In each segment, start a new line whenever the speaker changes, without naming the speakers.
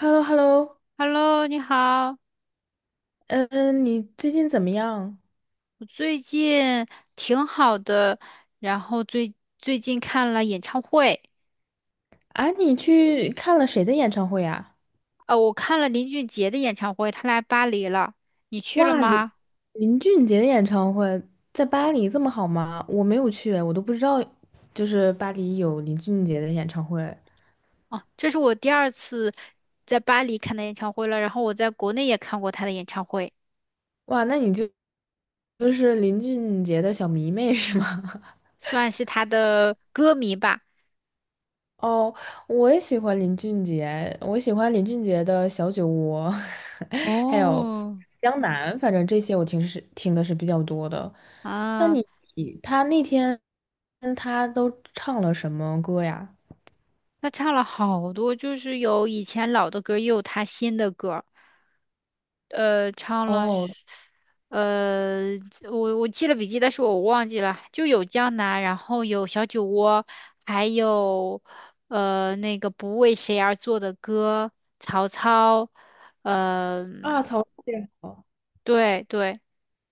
h e l l o h e l l o。
Hello，你好，
嗯，你最近怎么样？
我最近挺好的，然后最近看了演唱会，
啊，你去看了谁的演唱会呀？
我看了林俊杰的演唱会，他来巴黎了，你去了
哇，林
吗？
林俊杰的演唱会在巴黎这么好吗？我没有去，我都不知道，就是巴黎有林俊杰的演唱会。
哦，这是我第二次在巴黎看的演唱会了，然后我在国内也看过他的演唱会，
哇，那你就是林俊杰的小迷妹是吗？
算是他的歌迷吧。
哦，我也喜欢林俊杰，我喜欢林俊杰的《小酒窝》，还有
哦，
《江南》，反正这些我听是听的是比较多的。那
啊，
你他那天他都唱了什么歌呀？
他唱了好多，就是有以前老的歌，也有他新的歌。唱了
哦，
是呃，我记了笔记，但是我忘记了，就有江南，然后有小酒窝，还有那个不为谁而作的歌，曹操，呃，
啊，曹志好，
对对，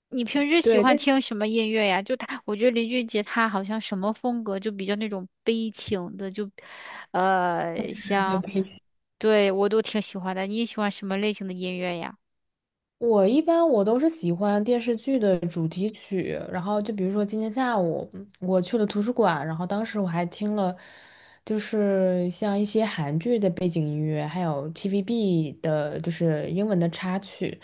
你平时喜
对，
欢
这
听什么音乐呀？就他，我觉得林俊杰他好像什么风格就比较那种悲情的，就像，
比
对我都挺喜欢的。你喜欢什么类型的音乐呀？
我一般都是喜欢电视剧的主题曲，然后就比如说今天下午我去了图书馆，然后当时我还听了，就是像一些韩剧的背景音乐，还有 TVB 的，就是英文的插曲，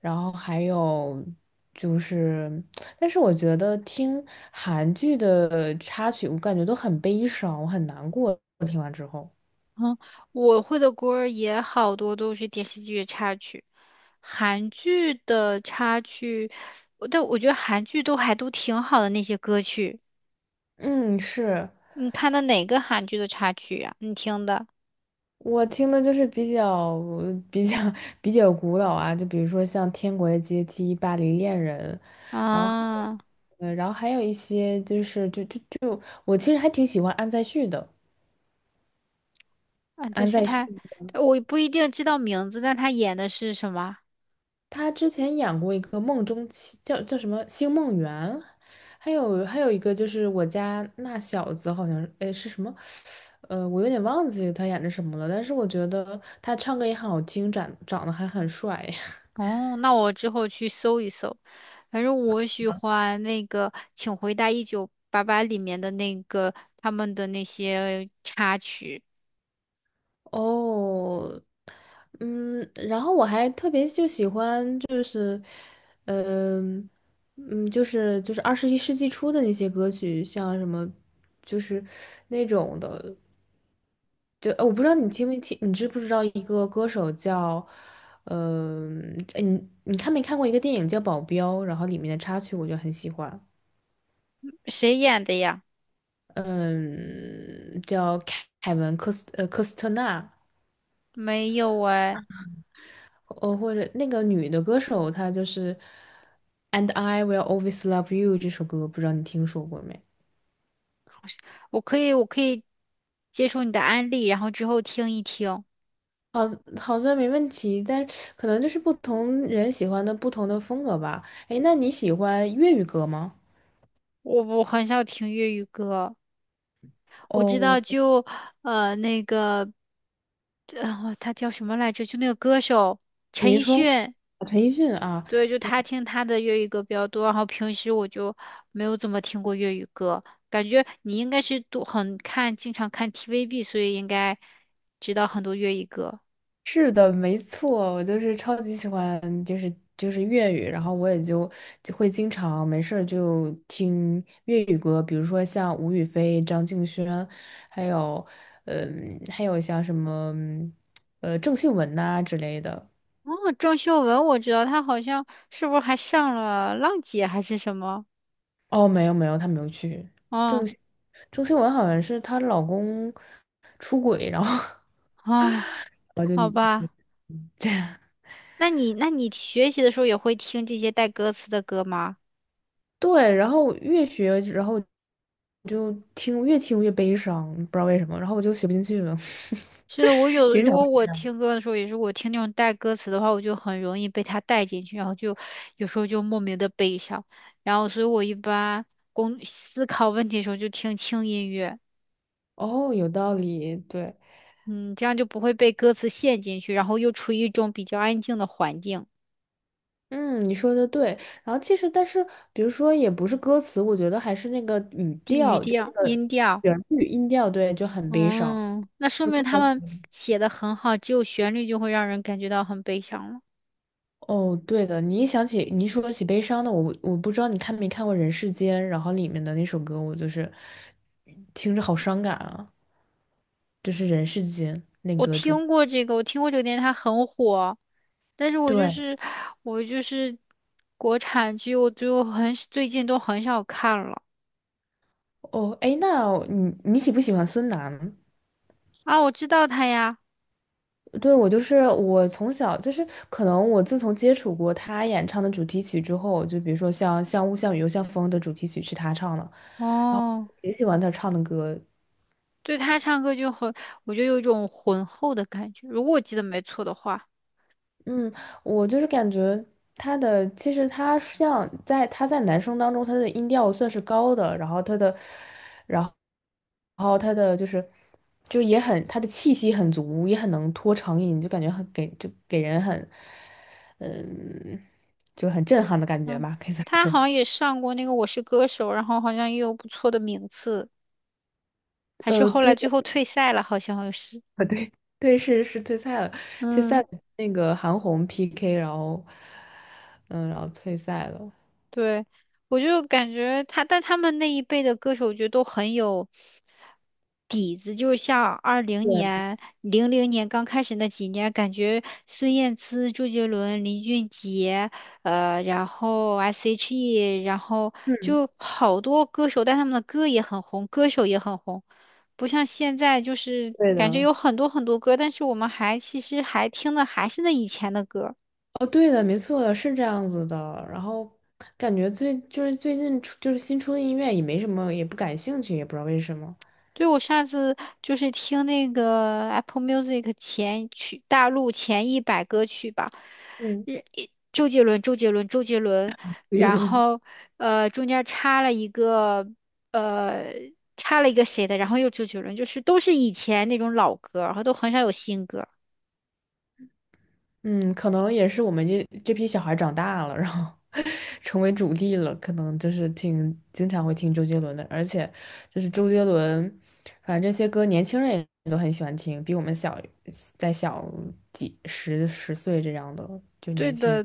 然后还有就是，但是我觉得听韩剧的插曲，我感觉都很悲伤，我很难过，听完之后。
嗯，我会的歌儿也好多都是电视剧的插曲，韩剧的插曲，但我觉得韩剧都还都挺好的那些歌曲。
嗯，是。
你看的哪个韩剧的插曲呀、你听的
我听的就是比较比较 比较古老啊，就比如说像《天国的阶梯》《巴黎恋人》，然后
啊
然后还有一些就是就就就我其实还挺喜欢安在旭的。
啊，这
安
徐
在旭
泰，我不一定知道名字，但他演的是什么？
他之前演过一个《梦中情叫叫什么《星梦缘》，还有一个就是我家那小子好像是是什么，我有点忘记他演的什么了，但是我觉得他唱歌也很好听，长得还很帅。
哦，那我之后去搜一搜。反正我喜欢那个《请回答一九八八》里面的那个他们的那些插曲，
哦，嗯，然后我还特别喜欢嗯、二十一世纪初的那些歌曲，像什么，就是那种的，我不知道你听没听，你知不知道一个歌手叫，嗯、呃，你你看没看过一个电影叫《保镖》，然后里面的插曲我就很喜欢，
谁演的呀？
嗯，叫凯文科斯特纳。
没有哎，
哦，或者那个女的歌手，她就是《And I Will Always Love You》这首歌，不知道你听说过没？
我可以接受你的安利，然后之后听一听。
好，好像没问题，但是可能就是不同人喜欢的不同的风格吧。哎，那你喜欢粤语歌吗？
我很少听粤语歌，我知
哦，
道就那个他叫什么来着？就那个歌手陈
林
奕
峰、
迅，
陈奕迅啊，
对，就他听他的粤语歌比较多，然后平时我就没有怎么听过粤语歌。感觉你应该是都很看，经常看 TVB，所以应该知道很多粤语歌。
是的，没错，我就是超级喜欢，就是粤语，然后我也就就会经常没事儿就听粤语歌，比如说像吴雨霏、张敬轩，还有嗯，还有像什么郑秀文呐、之类的。
哦，郑秀文我知道，她好像是不是还上了《浪姐》还是什么？
哦，没有没有，她没有去。
哦
郑秀郑秀文好像是她老公出轨，然后
哦，
然后
好
就
吧，
这样。
那你学习的时候也会听这些带歌词的歌吗？
对，然后越学，然后就听越听越悲伤，不知道为什么，然后我就学不进去了。
是的，我 有，
欣
如
赏
果我听歌的时候，也是我听那种带歌词的话，我就很容易被它带进去，然后就有时候就莫名的悲伤，然后所以我一般工思考问题的时候就听轻音乐，
哦，有道理，对，
嗯，这样就不会被歌词陷进去，然后又处于一种比较安静的环境，
嗯，你说的对。然后其实，但是比如说，也不是歌词，我觉得还是那个语
地语
调，就那
调、
个
音调。
旋律音调，对，就很悲伤，
嗯，那说
就
明
不
他
能。
们写的很好，只有旋律就会让人感觉到很悲伤了。
哦，对的，你一想起你一说起悲伤的，我我不知道你看没看过《人世间》，然后里面的那首歌，我就是听着好伤感啊。就是人世间那
我
个主。
听过这个，我听过这个电视，它很火，但是
对，
我就是国产剧，我就很最近都很少看了
哦，哎，那你你喜不喜欢孙楠？
啊。我知道他呀，
对，我从小就是可能我自从接触过他演唱的主题曲之后，就比如说像《像雾像雨又像风》的主题曲是他唱的，
哦，
也喜欢他唱的歌，
对他唱歌就很，我就有一种浑厚的感觉，如果我记得没错的话，
嗯，我就是感觉他的，其实他他在男生当中，他的音调算是高的，然后他的，然后，然后他的就是，就也很他的气息很足，也很能拖长音，就感觉就给人很，嗯，就是很震撼的感觉
嗯，
吧，可以这么
他好像
说。
也上过那个《我是歌手》，然后好像也有不错的名次，还是后来
对，
最后退赛了，好像是。
对，对，是退赛了，退赛
嗯，
了那个韩红 PK,然后，嗯，然后退赛了。
对，我就感觉他，但他们那一辈的歌手，我觉得都很有底子。就是像二零
对，
年、零零年刚开始那几年，感觉孙燕姿、周杰伦、林俊杰，然后 S.H.E，然后
嗯，
就好多歌手，但他们的歌也很红，歌手也很红，不像现在就是
对
感觉
的。
有很多很多歌，但是我们还其实还听的还是那以前的歌。
哦，对的，没错，是这样子的。然后感觉最近出就是新出的音乐也没什么，也不感兴趣，也不知道为什么。
对，我上次就是听那个 Apple Music 前曲大陆前一百歌曲吧，
嗯，
日一周杰伦，周杰伦，周杰伦，然后 中间插了一个呃插了一个谁的，然后又周杰伦，就是都是以前那种老歌，然后都很少有新歌。
嗯，可能也是我们这批小孩长大了，然后 成为主力了，可能就是挺经常会听周杰伦的，而且周杰伦，反正这些歌年轻人也都很喜欢听，比我们小再小十岁这样的就
对
年轻人。
的，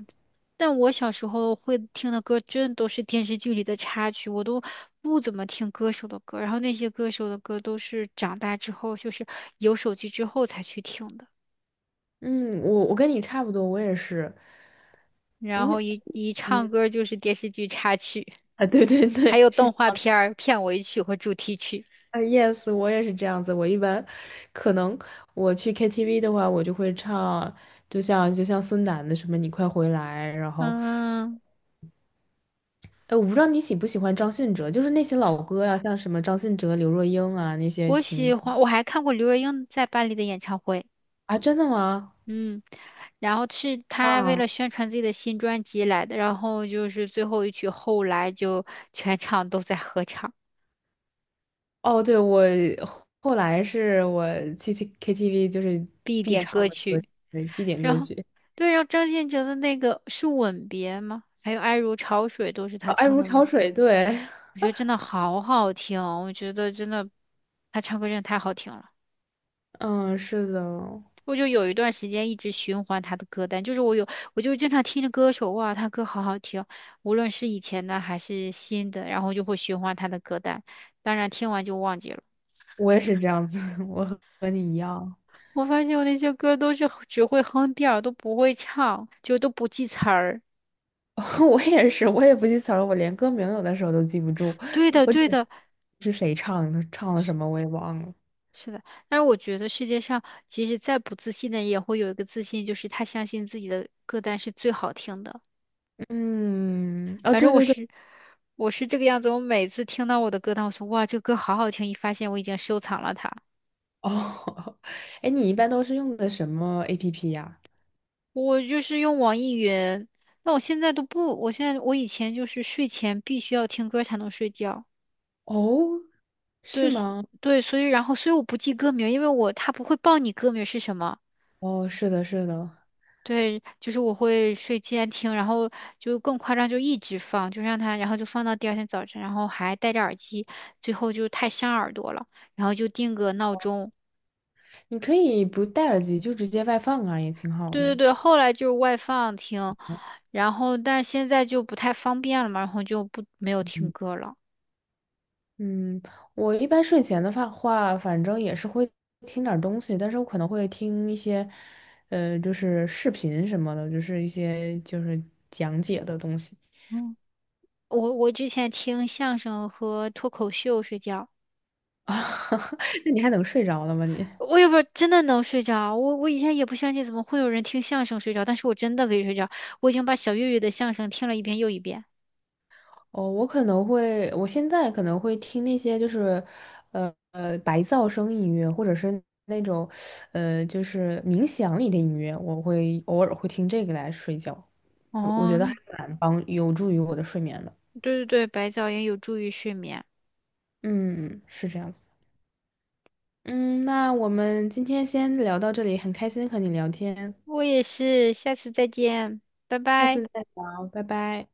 但我小时候会听的歌，真的都是电视剧里的插曲，我都不怎么听歌手的歌，然后那些歌手的歌都是长大之后，就是有手机之后才去听的，
嗯，我我跟你差不多，我也是。
然后
嗯
一
嗯
唱歌就是电视剧插曲，
啊，对 对
还
对，
有动
是
画片儿片尾曲和主题曲。
啊，yes,我也是这样子。我一般可能我去 KTV 的话，我就会唱，就像孙楠的什么“你快回来”，然后，
嗯，
哎，我不知道你喜不喜欢张信哲，就是那些老歌呀、像什么张信哲、刘若英啊那些
我喜
情
欢，我还看过刘若英在巴黎的演唱会。
啊，真的吗？
嗯，然后是他为
啊，
了宣传自己的新专辑来的，然后就是最后一曲《后来》就全场都在合唱，
哦，对，我后后来是我去 KTV 就是
必
必
点歌
唱的歌曲，
曲。
对必点
然
歌
后，
曲，
对，然后张信哲的那个是《吻别》吗？还有《爱如潮水》都是他
啊爱
唱
如
的吗？
潮水》。对，
我觉得真的好好听哦我觉得真的他唱歌真的太好听了。
嗯，是的。
我就有一段时间一直循环他的歌单，就是我有，我就经常听着歌手，哇，他歌好好听，无论是以前的还是新的，然后就会循环他的歌单。当然听完就忘记了。
我也是这样子，我和你一样，
我发现我那些歌都是只会哼调儿都不会唱，就都不记词儿。
我也是，我也不记词儿，我连歌名有的时候都记不住，
对的，
我
对
只
的，
是谁唱的，唱了什么我也忘了。
是的。但是我觉得世界上，其实再不自信的人，也会有一个自信，就是他相信自己的歌单是最好听的。
嗯，啊，
反
对
正
对对，
我是这个样子。我每次听到我的歌单，我说哇，这个歌好好听，一发现我已经收藏了它。
哦，哎，你一般都是用的什么 APP 呀？
我就是用网易云，那我现在都不，我现在我以前就是睡前必须要听歌才能睡觉。
哦，是
对所
吗？
对，所以然后所以我不记歌名，因为我它不会报你歌名是什么。
哦，是的，是的，
对，就是我会睡前听，然后就更夸张，就一直放，就让它，然后就放到第二天早晨，然后还戴着耳机，最后就太伤耳朵了，然后就定个闹钟，
你可以不戴耳机，就直接外放啊，也挺好
对对
的。
对，后来就是外放听，然后但是现在就不太方便了嘛，然后就不没有听歌了。
嗯，我一般睡前的话，反正也是会听点儿东西，但是我可能会听一些，就是视频什么的，就是一些就是讲解的东西
嗯，我之前听相声和脱口秀睡觉，
啊，那你还能睡着了吗你？
我也不知道真的能睡着，我以前也不相信怎么会有人听相声睡着，但是我真的可以睡着，我已经把小岳岳的相声听了一遍又一遍。
哦，我可能会，我现在可能会听那些就是，白噪声音乐，或者是那种，就是冥想里的音乐，我会偶尔会听这个来睡觉，我觉
哦，
得还蛮帮，有助于我的睡眠的。
对对对，白噪音有助于睡眠。
嗯，是这样子。嗯，那我们今天先聊到这里，很开心和你聊天，
我也是，下次再见，拜
下
拜。
次再聊，拜拜。